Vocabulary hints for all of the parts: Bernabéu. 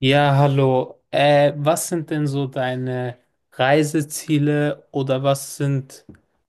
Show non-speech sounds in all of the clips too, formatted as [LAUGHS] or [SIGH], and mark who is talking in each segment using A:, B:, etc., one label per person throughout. A: Ja, hallo. Was sind denn so deine Reiseziele oder was sind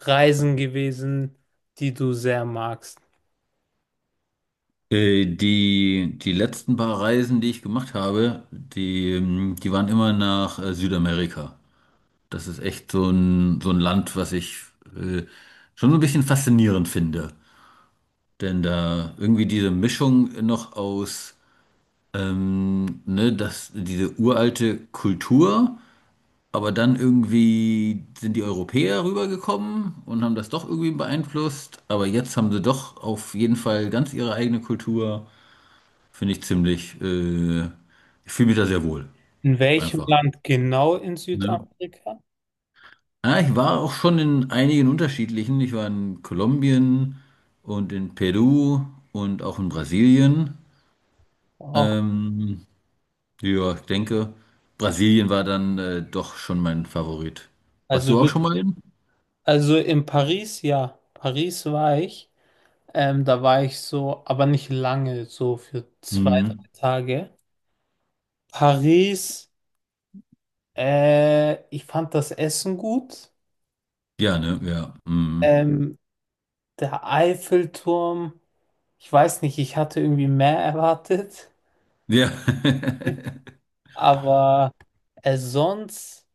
A: Reisen gewesen, die du sehr magst?
B: Die letzten paar Reisen, die ich gemacht habe, die waren immer nach Südamerika. Das ist echt so ein Land, was ich äh, schon so ein bisschen faszinierend finde. Denn da irgendwie diese Mischung noch aus diese uralte Kultur, aber dann irgendwie sind die Europäer rübergekommen und haben das doch irgendwie beeinflusst. Aber jetzt haben sie doch auf jeden Fall ganz ihre eigene Kultur. Finde ich ziemlich, ich fühle mich da sehr wohl,
A: In welchem
B: einfach.
A: Land genau in
B: Ne?
A: Südamerika?
B: Ja, ich war auch schon in einigen unterschiedlichen. Ich war in Kolumbien und in Peru und auch in Brasilien.
A: Wow.
B: Ähm, ja, ich denke, Brasilien war dann doch schon mein Favorit. Warst
A: Also
B: du auch schon
A: wirklich,
B: mal in?
A: also in Paris, ja. Paris war ich. Da war ich so, aber nicht lange, so für zwei, drei
B: Mhm.
A: Tage. Paris, ich fand das Essen gut.
B: Ja, ne? Ja. Mhm.
A: Ähm, Der Eiffelturm. Ich weiß nicht, ich hatte irgendwie mehr erwartet,
B: Ja. [LAUGHS]
A: aber sonst,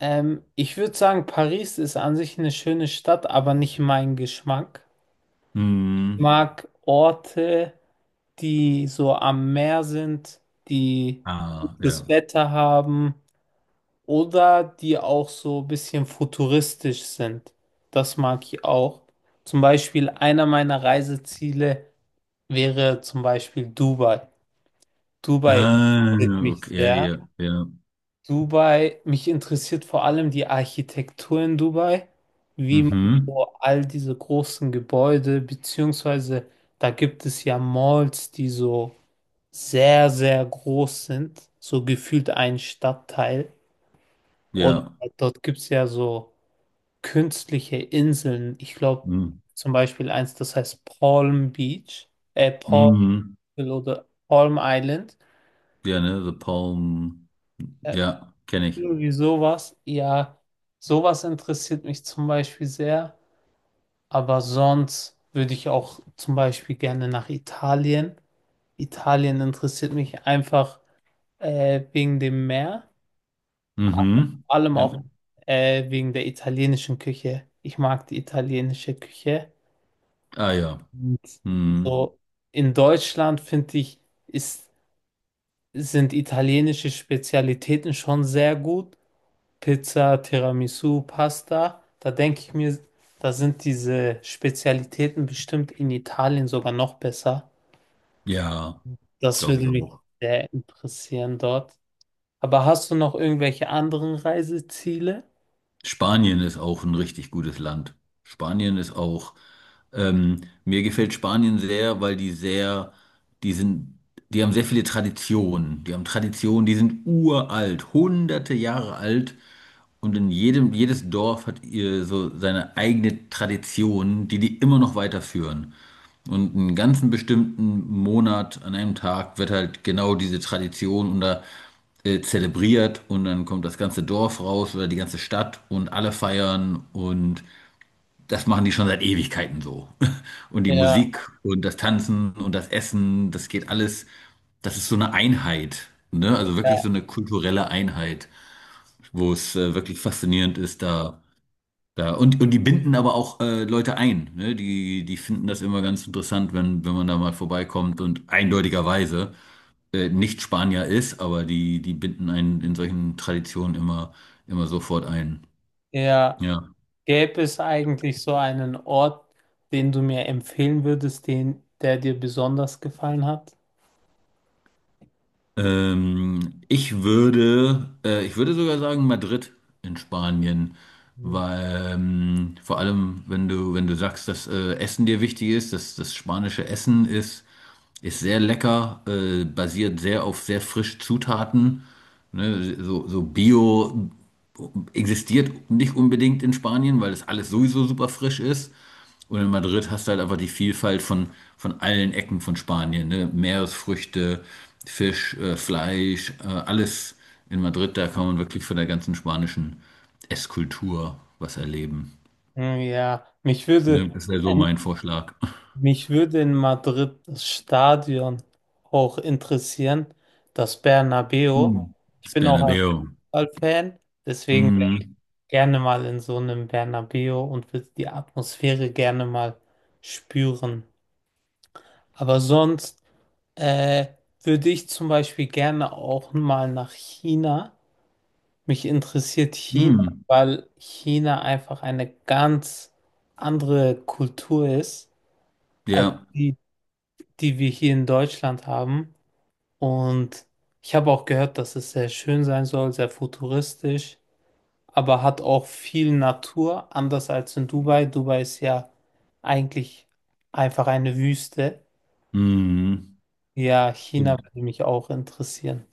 A: ich würde sagen, Paris ist an sich eine schöne Stadt, aber nicht mein Geschmack. Ich
B: Mhm.
A: mag Orte, die so am Meer sind, die
B: Ah,
A: gutes
B: ja.
A: Wetter haben oder die auch so ein bisschen futuristisch sind. Das mag ich auch. Zum Beispiel einer meiner Reiseziele wäre zum Beispiel Dubai. Dubai
B: Ah,
A: interessiert mich
B: okay, ja,
A: sehr.
B: ja, ja.
A: Dubai, mich interessiert vor allem die Architektur in Dubai, wie man
B: Mhm.
A: so all diese großen Gebäude, beziehungsweise da gibt es ja Malls, die so sehr, sehr groß sind, so gefühlt ein Stadtteil. Oder
B: Ja.
A: dort gibt es ja so künstliche Inseln. Ich glaube
B: Mhm.
A: zum Beispiel eins, das heißt Palm Beach, Palm
B: Mhm.
A: oder Palm Island.
B: Ja, ne, The Palm.
A: Äh,
B: Ja, kenne ich.
A: Irgendwie sowas, ja, sowas interessiert mich zum Beispiel sehr, aber sonst würde ich auch zum Beispiel gerne nach Italien. Italien interessiert mich einfach wegen dem Meer,
B: Mhm.
A: vor allem
B: Ja.
A: auch wegen der italienischen Küche. Ich mag die italienische Küche.
B: Ah ja.
A: Und
B: Mhm.
A: so in Deutschland finde ich, ist, sind italienische Spezialitäten schon sehr gut, Pizza, Tiramisu, Pasta, da denke ich mir, da sind diese Spezialitäten bestimmt in Italien sogar noch besser.
B: Ja,
A: Das
B: glaube
A: würde
B: ich
A: mich
B: auch.
A: sehr interessieren dort. Aber hast du noch irgendwelche anderen Reiseziele?
B: Spanien ist auch ein richtig gutes Land. Spanien ist auch. Mir gefällt Spanien sehr, weil die sind, die haben sehr viele Traditionen. Die haben Traditionen, die sind uralt, hunderte Jahre alt. Und in jedes Dorf hat ihr so seine eigene Tradition, die immer noch weiterführen. Und einen ganzen bestimmten Monat an einem Tag wird halt genau diese Tradition zelebriert und dann kommt das ganze Dorf raus oder die ganze Stadt und alle feiern und das machen die schon seit Ewigkeiten so. [LAUGHS] Und die
A: Ja,
B: Musik und das Tanzen und das Essen, das geht alles, das ist so eine Einheit, ne? Also wirklich
A: ja.
B: so eine kulturelle Einheit, wo es wirklich faszinierend ist, da da, und die binden aber auch Leute ein. Ne? Die finden das immer ganz interessant, wenn man da mal vorbeikommt und eindeutigerweise nicht Spanier ist, aber die binden einen in solchen Traditionen immer sofort ein.
A: Ja,
B: Ja.
A: gäbe es eigentlich so einen Ort, den du mir empfehlen würdest, den, der dir besonders gefallen hat?
B: Ich würde sogar sagen Madrid in Spanien,
A: Hm.
B: weil vor allem, wenn du sagst, dass Essen dir wichtig ist, dass das spanische Essen ist. Ist sehr lecker, basiert sehr auf sehr frischen Zutaten. So Bio existiert nicht unbedingt in Spanien, weil das alles sowieso super frisch ist. Und in Madrid hast du halt einfach die Vielfalt von allen Ecken von Spanien. Ne? Meeresfrüchte, Fisch, Fleisch, alles in Madrid. Da kann man wirklich von der ganzen spanischen Esskultur was erleben.
A: Hm, ja,
B: Ne? Das wäre so mein Vorschlag.
A: mich würde in Madrid das Stadion auch interessieren, das Bernabéu.
B: Mm.
A: Ich
B: Das
A: bin auch ein
B: Bernabéu.
A: Fußballfan, deswegen wäre ich
B: Mm.
A: gerne mal in so einem Bernabéu und würde die Atmosphäre gerne mal spüren. Aber sonst äh, würde ich zum Beispiel gerne auch mal nach China. Mich interessiert China,
B: Mm.
A: weil China einfach eine ganz andere Kultur ist als
B: Ja.
A: die, die wir hier in Deutschland haben. Und ich habe auch gehört, dass es sehr schön sein soll, sehr futuristisch, aber hat auch viel Natur, anders als in Dubai. Dubai ist ja eigentlich einfach eine Wüste.
B: Mhm.
A: Ja, China
B: Stimmt.
A: würde mich auch interessieren.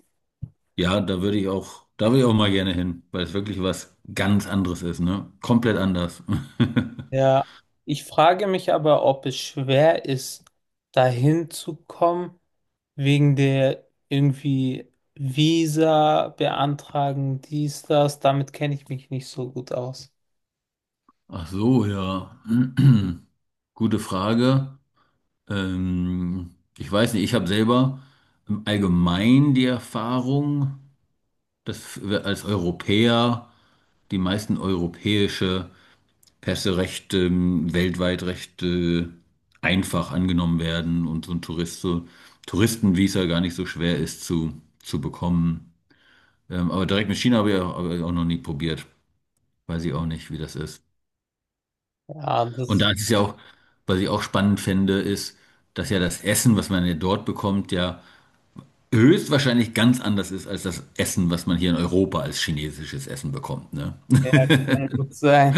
B: Ja, da würde ich auch mal gerne hin, weil es wirklich was ganz anderes ist, ne? Komplett anders. [LAUGHS]
A: Ja, ich frage mich aber, ob es schwer ist, dahin zu kommen, wegen der irgendwie Visa beantragen, dies, das. Damit kenne ich mich nicht so gut aus.
B: Ach so, ja. [CLEARS THROAT] Gute Frage. Ich weiß nicht, ich habe selber im Allgemeinen die Erfahrung, dass wir als Europäer die meisten europäische Pässe recht weltweit recht einfach angenommen werden und so ein Tourist, so, Touristenvisa gar nicht so schwer ist zu bekommen. Aber direkt mit China habe ich auch noch nie probiert. Weiß ich auch nicht, wie das ist.
A: Ja,
B: Und
A: das
B: da ist es ja auch, was ich auch spannend fände, ist, dass ja das Essen, was man ja dort bekommt, ja höchstwahrscheinlich ganz anders ist als das Essen, was man hier in Europa als chinesisches Essen bekommt, ne?
A: ja, kann gut sein.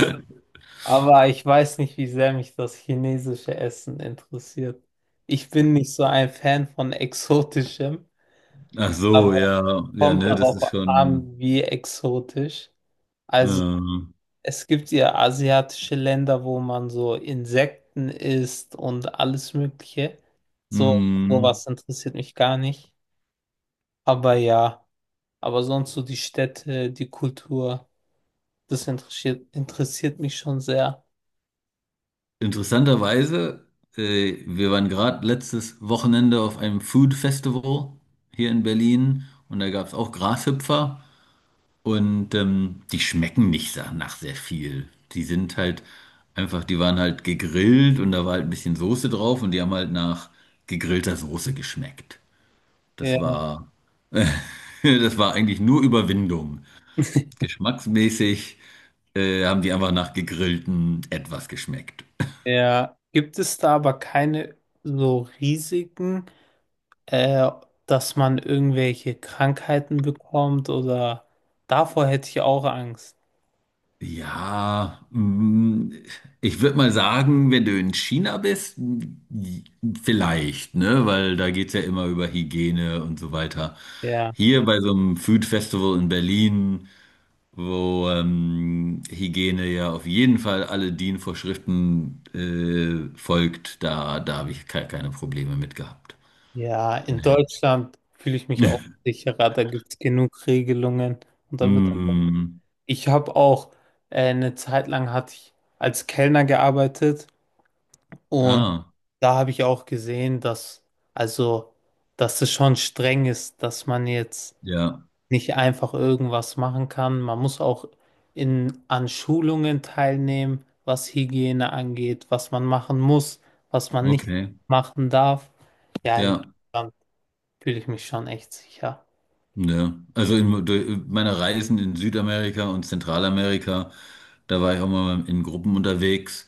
A: Aber ich weiß nicht, wie sehr mich das chinesische Essen interessiert. Ich bin nicht so ein Fan von exotischem,
B: Ach so,
A: aber
B: ja, ja,
A: kommt
B: ne, das
A: darauf
B: ist schon,
A: an, wie exotisch. Also
B: äh,
A: es gibt ja asiatische Länder, wo man so Insekten isst und alles Mögliche. So,
B: mm.
A: sowas interessiert mich gar nicht. Aber ja, aber sonst so die Städte, die Kultur, das interessiert mich schon sehr.
B: Interessanterweise, wir waren gerade letztes Wochenende auf einem Food Festival hier in Berlin und da gab es auch Grashüpfer und die schmecken nicht sa- nach sehr viel. Die sind halt einfach, die waren halt gegrillt und da war halt ein bisschen Soße drauf und die haben halt nach gegrillter Soße geschmeckt.
A: Ja.
B: Das war, [LAUGHS] das war eigentlich nur Überwindung. Geschmacksmäßig haben die einfach nach gegrillten etwas geschmeckt.
A: Ja, gibt es da aber keine so Risiken, äh, dass man irgendwelche Krankheiten bekommt oder davor hätte ich auch Angst.
B: Ja, mm, ich würde mal sagen, wenn du in China bist, mm, vielleicht, ne? Weil da geht's ja immer über Hygiene und so weiter.
A: Ja,
B: Hier bei so einem Food Festival in Berlin, wo Hygiene ja auf jeden Fall alle DIN-Vorschriften folgt, da habe ich ke keine Probleme mit gehabt.
A: ja, in
B: Nee.
A: Deutschland fühle ich mich auch
B: [LAUGHS]
A: sicherer, da gibt es genug Regelungen und da wird
B: Mm,
A: ich habe auch eine Zeit lang hatte ich als Kellner gearbeitet und
B: ah,
A: da habe ich auch gesehen, dass also dass es schon streng ist, dass man jetzt
B: ja,
A: nicht einfach irgendwas machen kann. Man muss auch in, an Schulungen teilnehmen, was Hygiene angeht, was man machen muss, was man nicht
B: okay,
A: machen darf. Ja, in
B: ja.
A: Deutschland fühle ich mich schon echt sicher.
B: Ja, also in durch meiner Reisen in Südamerika und Zentralamerika, da war ich auch mal in Gruppen unterwegs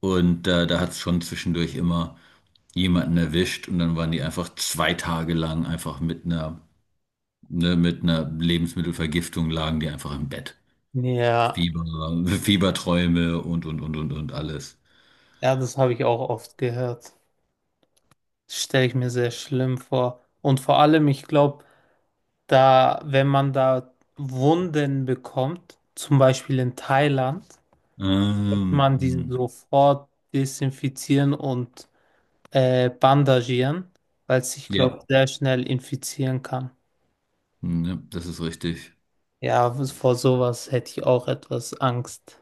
B: und da hat es schon zwischendurch immer jemanden erwischt und dann waren die einfach zwei Tage lang einfach mit ne, mit einer Lebensmittelvergiftung lagen die einfach im Bett.
A: Ja,
B: Fieber, Fieberträume und alles.
A: ja, das habe ich auch oft gehört. Das stelle ich mir sehr schlimm vor. Und vor allem, ich glaube, da, wenn man da Wunden bekommt, zum Beispiel in Thailand, kann
B: Ähm,
A: man die
B: mm,
A: sofort desinfizieren und bandagieren, weil es ich
B: ja,
A: glaube sehr schnell infizieren kann.
B: ja, das ist richtig.
A: Ja, vor sowas hätte ich auch etwas Angst.